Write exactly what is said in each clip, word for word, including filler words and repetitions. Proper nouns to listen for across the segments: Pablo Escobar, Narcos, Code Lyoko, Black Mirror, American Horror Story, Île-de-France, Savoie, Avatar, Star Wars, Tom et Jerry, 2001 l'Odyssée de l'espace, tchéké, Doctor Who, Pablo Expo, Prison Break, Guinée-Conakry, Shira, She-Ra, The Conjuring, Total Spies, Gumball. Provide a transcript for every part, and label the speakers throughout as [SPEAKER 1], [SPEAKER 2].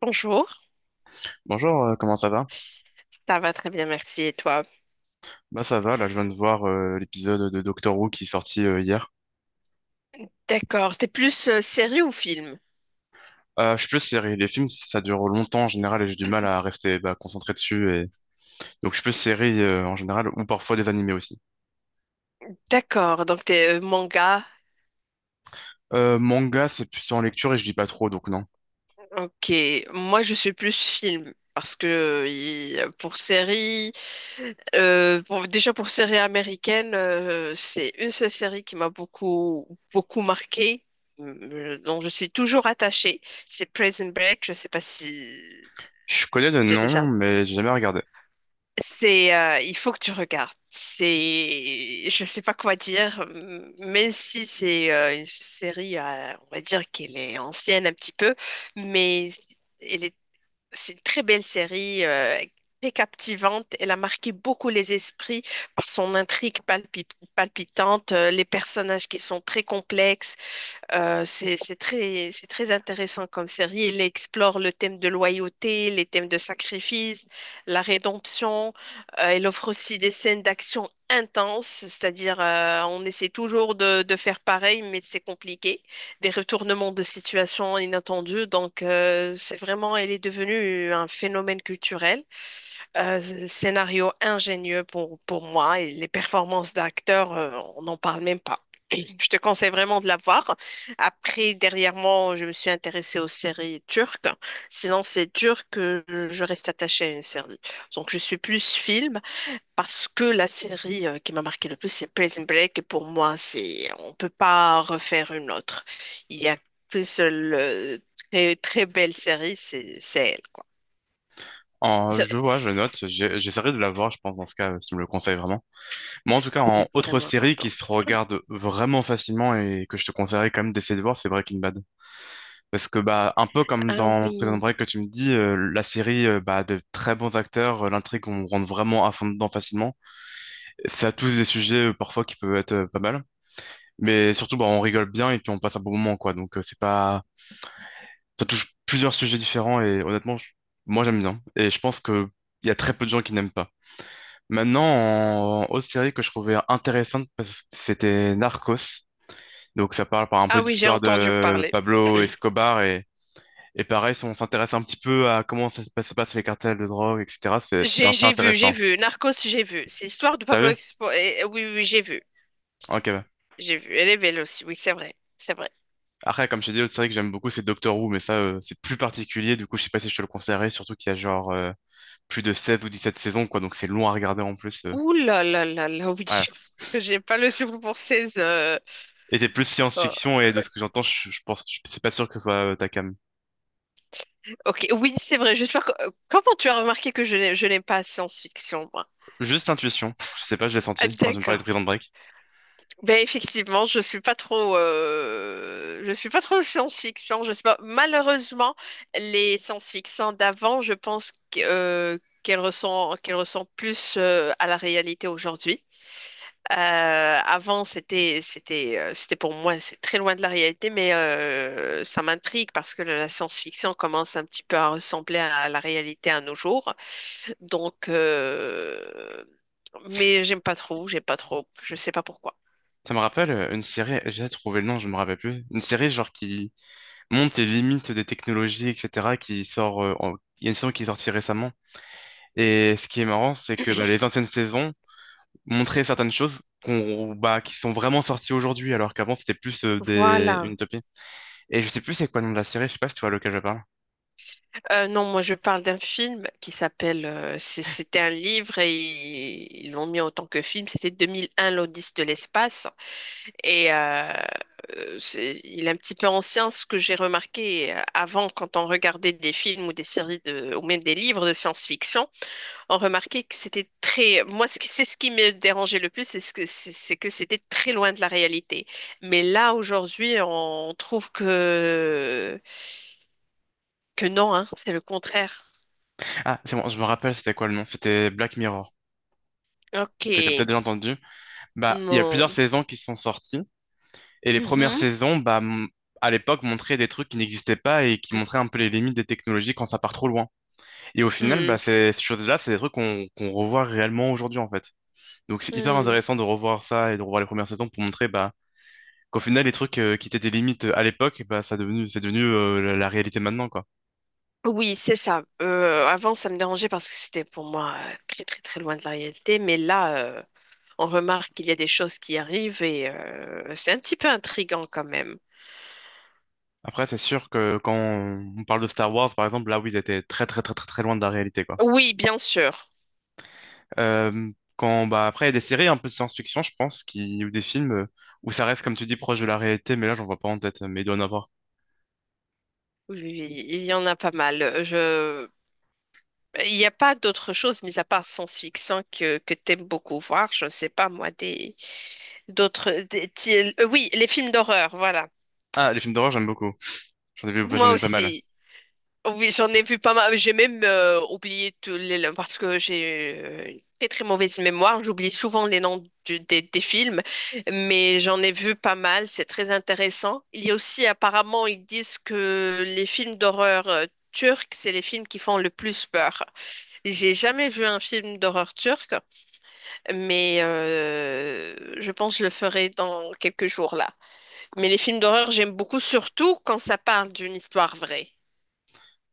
[SPEAKER 1] Bonjour,
[SPEAKER 2] Bonjour, euh, comment ça va?
[SPEAKER 1] ça va très bien, merci. Et toi?
[SPEAKER 2] Bah ça va, là je viens de voir euh, l'épisode de Doctor Who qui est sorti euh, hier.
[SPEAKER 1] D'accord, t'es plus euh, série ou film?
[SPEAKER 2] Euh, je suis plus série, les films ça dure longtemps en général et j'ai du mal à rester bah, concentré dessus et donc je suis plus série euh, en général ou parfois des animés aussi.
[SPEAKER 1] D'accord, donc t'es euh, manga.
[SPEAKER 2] Euh, manga c'est plutôt en lecture et je lis pas trop donc non.
[SPEAKER 1] Ok, moi je suis plus film parce que euh, il- pour série, euh, pour- déjà pour série américaine, euh, c'est une seule série qui m'a beaucoup beaucoup marquée, euh, dont je suis toujours attachée. C'est Prison Break. Je sais pas si,
[SPEAKER 2] Je connais
[SPEAKER 1] si
[SPEAKER 2] le
[SPEAKER 1] tu as
[SPEAKER 2] nom
[SPEAKER 1] déjà.
[SPEAKER 2] mais j'ai jamais regardé.
[SPEAKER 1] C'est, euh, il faut que tu regardes. C'est, je sais pas quoi dire, m- même si c'est euh, une série, euh, on va dire qu'elle est ancienne un petit peu, mais c- elle est, c'est une très belle série, euh, très captivante. Elle a marqué beaucoup les esprits par son intrigue palpi- palpitante, euh, les personnages qui sont très complexes, euh, c'est, c'est très, c'est très intéressant comme série. Il explore le thème de loyauté, les thèmes de sacrifice, la rédemption. Euh, il offre aussi des scènes d'action intenses, c'est-à-dire euh, on essaie toujours de, de faire pareil, mais c'est compliqué. Des retournements de situation inattendus. Donc euh, c'est vraiment, elle est devenue un phénomène culturel. Euh, scénario ingénieux pour, pour moi et les performances d'acteurs, euh, on n'en parle même pas. Je te conseille vraiment de la voir. Après, dernièrement, je me suis intéressée aux séries turques. Sinon, c'est dur que je reste attachée à une série. Donc, je suis plus film parce que la série euh, qui m'a marqué le plus, c'est Prison Break. Et pour moi, c'est on peut pas refaire une autre. Il y a qu'une seule euh, très, très belle série, c'est c'est elle, quoi.
[SPEAKER 2] En-
[SPEAKER 1] C'est
[SPEAKER 2] je vois, je note. J'ai- J'essaierai de la voir, je pense, dans ce cas, euh, si tu me le conseilles vraiment. Moi, en tout
[SPEAKER 1] c'est
[SPEAKER 2] cas, en autre
[SPEAKER 1] vraiment
[SPEAKER 2] série
[SPEAKER 1] important.
[SPEAKER 2] qui se regarde vraiment facilement et que je te conseillerais quand même d'essayer de voir, c'est Breaking Bad. Parce que, bah, un peu comme
[SPEAKER 1] Ah
[SPEAKER 2] dans Prison
[SPEAKER 1] oui.
[SPEAKER 2] Break que tu me dis, euh, la série, euh, bah, de très bons acteurs, euh, l'intrigue, on rentre vraiment à fond dedans facilement. Ça a tous des sujets, euh, parfois, qui peuvent être euh, pas mal. Mais surtout, bah, on rigole bien et puis on passe un bon moment, quoi. Donc, euh, c'est pas... Ça touche plusieurs sujets différents et honnêtement, je- moi, j'aime bien. Et je pense que il y a très peu de gens qui n'aiment pas. Maintenant, en autre série que je trouvais intéressante, parce que c'était Narcos. Donc ça parle par un
[SPEAKER 1] Ah
[SPEAKER 2] peu
[SPEAKER 1] oui, j'ai
[SPEAKER 2] d'histoire
[SPEAKER 1] entendu
[SPEAKER 2] de
[SPEAKER 1] parler.
[SPEAKER 2] Pablo Escobar et, et pareil, si on s'intéresse un petit peu à comment ça se passe, se passe les cartels de drogue, et cetera. C'est c'est
[SPEAKER 1] J'ai
[SPEAKER 2] assez
[SPEAKER 1] j'ai vu, j'ai
[SPEAKER 2] intéressant.
[SPEAKER 1] vu. Narcos, j'ai vu. C'est l'histoire de
[SPEAKER 2] T'as
[SPEAKER 1] Pablo
[SPEAKER 2] vu?
[SPEAKER 1] Expo. eh, eh, oui, oui, oui, j'ai vu.
[SPEAKER 2] Ok, bah.
[SPEAKER 1] J'ai vu. Elle est belle aussi. Oui, c'est vrai. C'est vrai.
[SPEAKER 2] Après, comme je t'ai dit, l'autre série que j'aime beaucoup, c'est Doctor Who, mais ça, euh, c'est plus particulier. Du coup, je sais pas si je te le conseillerais, surtout qu'il y a genre euh, plus de seize ou dix-sept saisons, quoi. Donc c'est long à regarder en plus, euh.
[SPEAKER 1] Ouh là là là là, oui.
[SPEAKER 2] Ouais.
[SPEAKER 1] J'ai pas le souffle pour ces... euh,
[SPEAKER 2] Et c'est plus
[SPEAKER 1] oh.
[SPEAKER 2] science-fiction et de ce que j'entends, je, je pense, je suis pas sûr que ce soit euh, ta cam.
[SPEAKER 1] Ok, oui, c'est vrai. J'espère que... euh, Comment tu as remarqué que je n'ai- je n'aime pas la science-fiction, moi?
[SPEAKER 2] Juste intuition. Pff, je sais pas, je l'ai
[SPEAKER 1] Ah,
[SPEAKER 2] senti quand tu me parlais de
[SPEAKER 1] d'accord.
[SPEAKER 2] Prison Break.
[SPEAKER 1] Ben effectivement, je suis pas trop, euh, je suis pas trop science-fiction. Je sais pas. Malheureusement, les science-fiction d'avant, je pense que, euh, qu'elles ressemblent, qu'elles ressemblent plus euh, à la réalité aujourd'hui. Euh, avant, c'était, c'était, euh, c'était pour moi, c'est très loin de la réalité, mais euh, ça m'intrigue parce que la science-fiction commence un petit peu à ressembler à la réalité à nos jours. Donc, euh, mais j'aime pas trop, j'aime pas trop. Je sais pas pourquoi.
[SPEAKER 2] Ça me rappelle euh, une série, j'ai trouvé le nom, je me rappelle plus. Une série genre qui monte les limites des technologies, et cetera qui sort, euh, en- il y a une saison qui est sortie récemment. Et ce qui est marrant, c'est que bah, les anciennes saisons montraient certaines choses qu'on, bah, qui sont vraiment sorties aujourd'hui, alors qu'avant c'était plus euh, des... une
[SPEAKER 1] Voilà.
[SPEAKER 2] utopie. Et je sais plus c'est quoi le nom de la série, je sais pas si tu vois lequel je parle.
[SPEAKER 1] Euh, non, moi je parle d'un film qui s'appelle, euh, c'est- c'était un livre et ils ils l'ont mis en tant que film, c'était deux mille un l'Odyssée de l'espace. Et euh, euh, c'est- il est un petit peu ancien, ce que j'ai remarqué euh, avant quand on regardait des films ou des séries de, ou même des livres de science-fiction, on remarquait que c'était très, moi ce qui- c'est ce qui me dérangeait le plus, c'est ce que c'est c'est que c'était très loin de la réalité. Mais là aujourd'hui, on trouve que que non, hein, c'est le contraire.
[SPEAKER 2] Ah, c'est bon, je me rappelle c'était quoi le nom, c'était Black Mirror,
[SPEAKER 1] Ok.
[SPEAKER 2] que t'as peut-être déjà entendu. Bah, il y a plusieurs
[SPEAKER 1] Non.
[SPEAKER 2] saisons qui sont sorties. Et les premières
[SPEAKER 1] Mhm.
[SPEAKER 2] saisons, bah, m- à l'époque, montraient des trucs qui n'existaient pas et qui montraient un peu les limites des technologies quand ça part trop loin. Et au final, bah,
[SPEAKER 1] Hmm.
[SPEAKER 2] ces ces choses-là, c'est des trucs qu'on qu'on revoit réellement aujourd'hui, en fait. Donc c'est hyper
[SPEAKER 1] Hmm.
[SPEAKER 2] intéressant de revoir ça et de revoir les premières saisons pour montrer bah, qu'au final, les trucs euh, qui étaient des limites euh, à l'époque, bah, ça devenu, c'est devenu euh, la, la réalité maintenant, quoi.
[SPEAKER 1] Oui, c'est ça. Euh, avant, ça me dérangeait parce que c'était pour moi euh, très, très, très loin de la réalité. Mais là, euh, on remarque qu'il y a des choses qui arrivent et euh, c'est un petit peu intriguant quand même.
[SPEAKER 2] Après, c'est sûr que quand on parle de Star Wars, par exemple, là, oui, ils étaient très, très, très, très, très loin de la réalité, quoi.
[SPEAKER 1] Oui, bien sûr.
[SPEAKER 2] Euh, quand bah après il y a des séries un peu de science-fiction, je pense, qui ou des films euh, où ça reste comme tu dis proche de la réalité, mais là j'en vois pas en tête, mais il doit en avoir.
[SPEAKER 1] Oui, oui, il y en a pas mal. Je... Il n'y a pas d'autre chose, mis à part science-fiction, que, que t'aimes beaucoup voir. Je ne sais pas, moi, des... d'autres... des- ti- euh, Oui, les films d'horreur, voilà.
[SPEAKER 2] Ah, les films d'horreur j'aime beaucoup. J'en ai vu, bah, j'en
[SPEAKER 1] Moi
[SPEAKER 2] ai vu pas mal.
[SPEAKER 1] aussi. Oui, j'en ai vu pas mal. J'ai même euh, oublié tous les noms parce que j'ai euh, une très très mauvaise mémoire. J'oublie souvent les noms du- des, des films, mais j'en ai vu pas mal. C'est très intéressant. Il y a aussi apparemment, ils disent que les films d'horreur euh, turcs, c'est les films qui font le plus peur. J'ai jamais vu un film d'horreur turc, mais euh, je pense que je le ferai dans quelques jours là. Mais les films d'horreur, j'aime beaucoup, surtout quand ça parle d'une histoire vraie.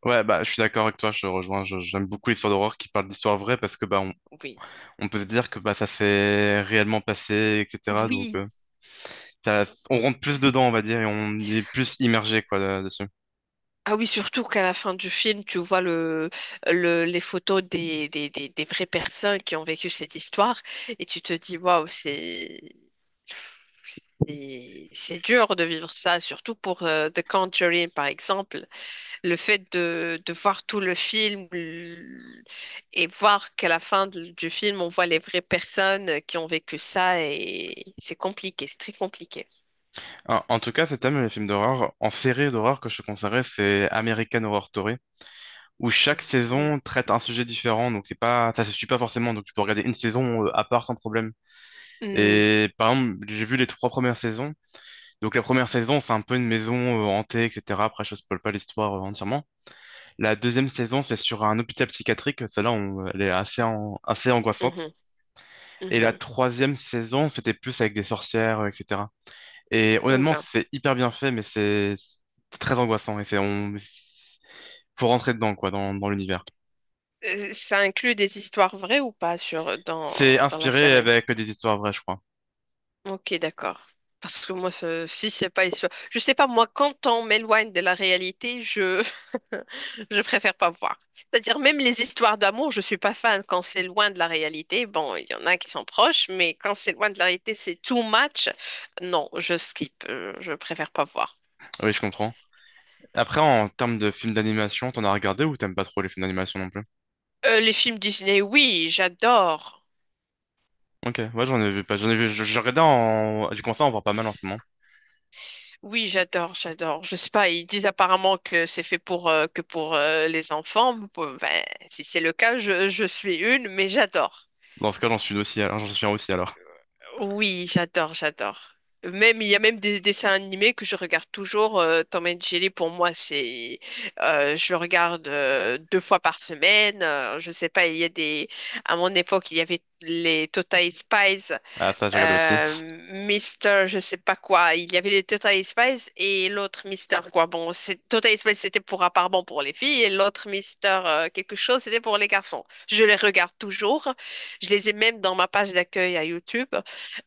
[SPEAKER 2] Ouais, bah je suis d'accord avec toi, je te rejoins. Je- J'aime beaucoup les histoires d'horreur qui parlent d'histoires vraies parce que bah on,
[SPEAKER 1] Oui.
[SPEAKER 2] on peut se dire que bah ça s'est réellement passé, et cetera. Donc
[SPEAKER 1] Oui.
[SPEAKER 2] euh, ça- on rentre plus dedans, on va dire, et on est plus immergé quoi là- dessus.
[SPEAKER 1] Ah oui, surtout qu'à la fin du film, tu vois le, le- les photos des, des, des, des vraies personnes qui ont vécu cette histoire et tu te dis, waouh, c'est, c'est c'est dur de vivre ça, surtout pour euh, The Conjuring, par exemple. Le fait de, de voir tout le film l- et voir qu'à la fin de- du film, on voit les vraies personnes qui ont vécu ça et c'est compliqué, c'est très compliqué.
[SPEAKER 2] En, en tout cas, c'est thème les films d'horreur. En série d'horreur que je te conseillerais, c'est American Horror Story, où chaque
[SPEAKER 1] Mhm.
[SPEAKER 2] saison traite un sujet différent. Donc c'est pas, ça se suit pas forcément. Donc tu peux regarder une saison euh, à part sans problème.
[SPEAKER 1] Mhm,
[SPEAKER 2] Et par exemple, j'ai vu les trois premières saisons. Donc la première saison, c'est un peu une maison euh, hantée, et cetera. Après, je spoil pas l'histoire euh, entièrement. La deuxième saison, c'est sur un hôpital psychiatrique. Celle-là, on- elle est assez, an- assez angoissante.
[SPEAKER 1] mhm,
[SPEAKER 2] Et la
[SPEAKER 1] mhm.
[SPEAKER 2] troisième saison, c'était plus avec des sorcières, euh, et cetera. Et honnêtement,
[SPEAKER 1] Oula.
[SPEAKER 2] c'est hyper bien fait, mais c'est c'est très angoissant. Et c'est, on, faut rentrer dedans, quoi, dans, dans l'univers.
[SPEAKER 1] Euh, Ça inclut des histoires vraies ou pas sur dans,
[SPEAKER 2] C'est
[SPEAKER 1] dans la
[SPEAKER 2] inspiré
[SPEAKER 1] série?
[SPEAKER 2] avec des histoires vraies, je crois.
[SPEAKER 1] Ok, d'accord. Parce que moi, ce- si c'est pas histoire, je sais pas moi. Quand on m'éloigne de la réalité, je je préfère pas voir. C'est-à-dire même les histoires d'amour, je suis pas fan quand c'est loin de la réalité. Bon, il y en a qui sont proches, mais quand c'est loin de la réalité, c'est too much. Non, je skip. Euh, Je préfère pas voir.
[SPEAKER 2] Oui, je comprends. Après, en termes de films d'animation, t'en as regardé ou t'aimes pas trop les films d'animation non plus?
[SPEAKER 1] Euh, les films Disney, oui, j'adore.
[SPEAKER 2] Ok, ouais, j'en ai vu pas. J'en ai vu. je- J'ai regardé en. J'ai commencé à en voir pas mal en ce moment.
[SPEAKER 1] Oui, j'adore, j'adore. Je sais pas, ils disent apparemment que c'est fait pour euh, que pour euh, les enfants. Bon, ben, si c'est le cas, je, je suis une, mais j'adore.
[SPEAKER 2] Dans ce cas, j'en suis aussi. alors- J'en souviens aussi alors.
[SPEAKER 1] Oui, j'adore, j'adore. Même il y a même des dessins animés que je regarde toujours. euh, Tom et Jerry pour moi, c'est euh, je le regarde euh, deux fois par semaine. Euh, je sais pas, il y a des à mon époque il y avait les Total Spies
[SPEAKER 2] Ah, ça, j'ai regardé aussi.
[SPEAKER 1] euh, Mister, je sais pas quoi. Il y avait les Total Spice et l'autre Mister quoi. Bon, c'est- Total Spice c'était pour à part bon pour les filles et l'autre Mister euh, quelque chose c'était pour les garçons. Je les regarde toujours. Je les ai même dans ma page d'accueil à YouTube.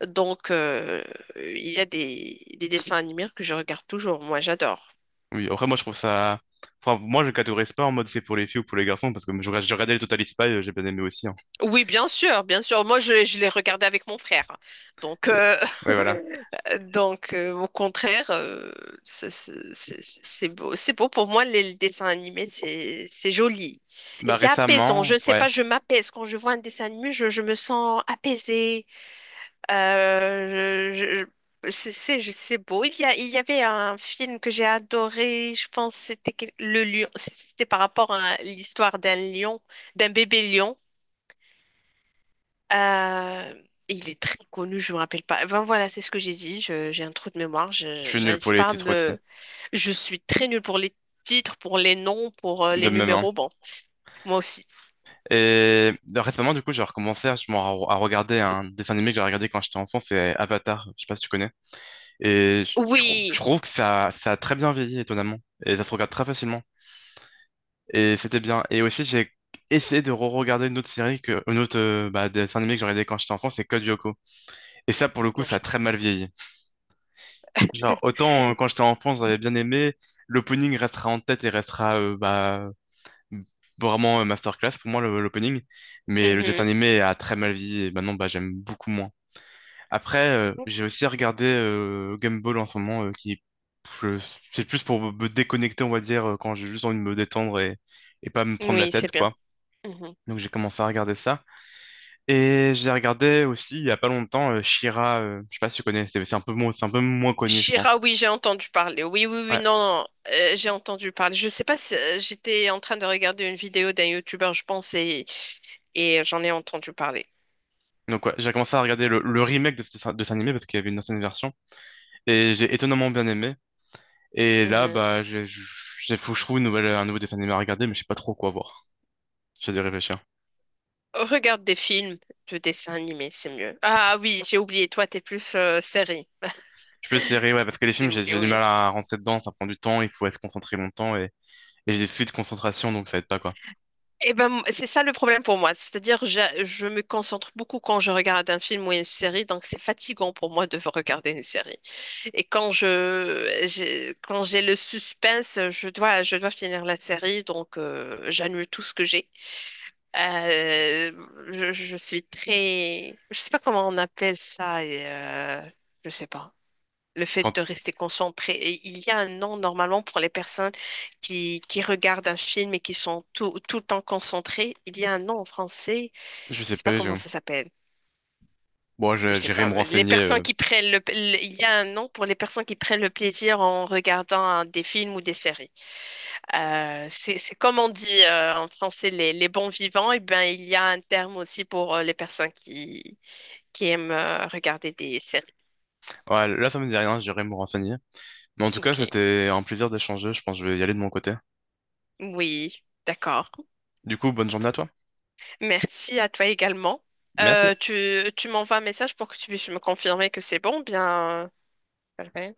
[SPEAKER 1] Donc euh, il y a des, des dessins animés que je regarde toujours. Moi, j'adore.
[SPEAKER 2] Oui, après, moi, je trouve ça. Enfin, moi, je catégorise pas en mode c'est pour les filles ou pour les garçons, parce que je, je regardais le Total Spies, euh, j'ai bien aimé aussi, hein.
[SPEAKER 1] Oui, bien sûr, bien sûr. Moi, je, je les regardais avec mon frère. Donc, euh,
[SPEAKER 2] Ouais, voilà.
[SPEAKER 1] donc, euh, au contraire, euh, c'est c'est- c'est- c'est beau. C'est beau pour moi, les, les dessins animés, c'est c'est joli. Et
[SPEAKER 2] Bah,
[SPEAKER 1] c'est apaisant. Je
[SPEAKER 2] récemment,
[SPEAKER 1] ne sais
[SPEAKER 2] ouais,
[SPEAKER 1] pas, je m'apaise. Quand je vois un dessin animé, je, je me sens apaisée. Euh, je- je- c'est c'est- je- c'est beau. Il y a, il y avait un film que j'ai adoré. Je pense que c'était quel- le lion. C'était par rapport à l'histoire d'un lion, d'un bébé lion. Euh, il est très connu, je me rappelle pas. Ben voilà, c'est ce que j'ai dit. Je- j'ai un trou de mémoire.
[SPEAKER 2] je
[SPEAKER 1] Je,
[SPEAKER 2] suis nul pour
[SPEAKER 1] j'arrive
[SPEAKER 2] les
[SPEAKER 1] pas à
[SPEAKER 2] titres aussi.
[SPEAKER 1] me. Je suis très nulle pour les titres, pour les noms, pour euh,
[SPEAKER 2] De
[SPEAKER 1] les
[SPEAKER 2] même, hein.
[SPEAKER 1] numéros. Bon, moi aussi.
[SPEAKER 2] Et euh, récemment, du coup, j'ai recommencé à, je m'en- à regarder un dessin animé que j'ai regardé quand j'étais enfant, c'est Avatar, je sais pas si tu connais. Et je, je trou- je
[SPEAKER 1] Oui.
[SPEAKER 2] trouve que ça, ça a très bien vieilli, étonnamment. Et ça se regarde très facilement. Et c'était bien. Et aussi, j'ai essayé de re-regarder une autre série, que, une autre euh, bah, dessin animé que j'ai regardé quand j'étais enfant, c'est Code Lyoko. Et ça, pour le coup,
[SPEAKER 1] Non,
[SPEAKER 2] ça
[SPEAKER 1] je
[SPEAKER 2] a très
[SPEAKER 1] connais pas.
[SPEAKER 2] mal vieilli. Genre, autant euh, quand j'étais enfant, j'avais bien aimé, l'opening restera en tête et restera euh, bah, vraiment euh, masterclass pour moi, le- l'opening. Mais le dessin
[SPEAKER 1] Mhm.
[SPEAKER 2] animé a très mal vieilli et maintenant, bah, j'aime beaucoup moins. Après, euh, j'ai aussi regardé euh, Gumball en ce moment, euh, qui je- c'est plus pour me me déconnecter, on va dire, euh, quand j'ai juste envie de me détendre et, et pas me prendre la
[SPEAKER 1] Oui,
[SPEAKER 2] tête,
[SPEAKER 1] c'est bien.
[SPEAKER 2] quoi.
[SPEAKER 1] Mhm.
[SPEAKER 2] Donc j'ai commencé à regarder ça. Et j'ai regardé aussi, il y a pas longtemps, euh, She-Ra, euh, je sais pas si tu connais, c'est c'est un peu, moins- c'est un peu moins connu, je pense.
[SPEAKER 1] Shira, oui, j'ai entendu parler. Oui, oui, oui,
[SPEAKER 2] Ouais.
[SPEAKER 1] non, non, euh, j'ai entendu parler. Je sais pas si euh, j'étais en train de regarder une vidéo d'un youtubeur, je pense, et, et j'en ai entendu parler.
[SPEAKER 2] Donc ouais, j'ai commencé à regarder le, le remake de, ce- de cet animé parce qu'il y avait une ancienne version et j'ai étonnamment bien aimé. Et là,
[SPEAKER 1] Mhm.
[SPEAKER 2] bah, j'ai, j'ai- faut que je trouve une nouvelle, un nouveau dessin animé à regarder, mais je sais pas trop quoi voir. J'ai dû réfléchir.
[SPEAKER 1] Regarde des films de dessins animés, c'est mieux. Ah oui, j'ai oublié, toi, t'es plus euh, série.
[SPEAKER 2] Je peux essayer, ouais, parce que les films,
[SPEAKER 1] J'ai
[SPEAKER 2] j'ai
[SPEAKER 1] oublié,
[SPEAKER 2] j'ai du
[SPEAKER 1] oui.
[SPEAKER 2] mal à rentrer dedans, ça prend du temps, il faut être concentré longtemps et, et j'ai des soucis de concentration, donc ça aide pas quoi.
[SPEAKER 1] Et ben, m- c'est ça le problème pour moi. C'est-à-dire, j'a- je me concentre beaucoup quand je regarde un film ou une série, donc c'est fatigant pour moi de regarder une série. Et quand je, j'ai, quand j'ai le suspense, je dois, je dois finir la série, donc euh, j'annule tout ce que j'ai. Euh, je, je suis très, je sais pas comment on appelle ça, et, euh, je sais pas. Le fait
[SPEAKER 2] Quand
[SPEAKER 1] de rester concentré. Et il y a un nom normalement pour les personnes qui, qui regardent un film et qui sont tout, tout le temps concentrées. Il y a un nom en français,
[SPEAKER 2] je
[SPEAKER 1] je
[SPEAKER 2] sais
[SPEAKER 1] sais pas
[SPEAKER 2] pas, je...
[SPEAKER 1] comment ça s'appelle.
[SPEAKER 2] bon,
[SPEAKER 1] Je
[SPEAKER 2] je-
[SPEAKER 1] sais
[SPEAKER 2] j'irai
[SPEAKER 1] pas.
[SPEAKER 2] me
[SPEAKER 1] Les
[SPEAKER 2] renseigner
[SPEAKER 1] personnes
[SPEAKER 2] euh,
[SPEAKER 1] qui prennent le, le- il y a un nom pour les personnes qui prennent le plaisir en regardant un- des films ou des séries. Euh, c'est, c'est comme on dit euh, en français les, les bons vivants. Et ben il y a un terme aussi pour euh, les personnes qui qui aiment euh, regarder des séries.
[SPEAKER 2] Ouais, là, ça me dit rien, j'irai me renseigner. Mais en tout cas,
[SPEAKER 1] Ok.
[SPEAKER 2] c'était un plaisir d'échanger. Je pense que je vais y aller de mon côté.
[SPEAKER 1] Oui, d'accord.
[SPEAKER 2] Du coup, bonne journée à toi.
[SPEAKER 1] Merci à toi également.
[SPEAKER 2] Merci.
[SPEAKER 1] Euh, tu tu m'envoies un message pour que tu puisses me confirmer que c'est bon, bien. Euh, voilà.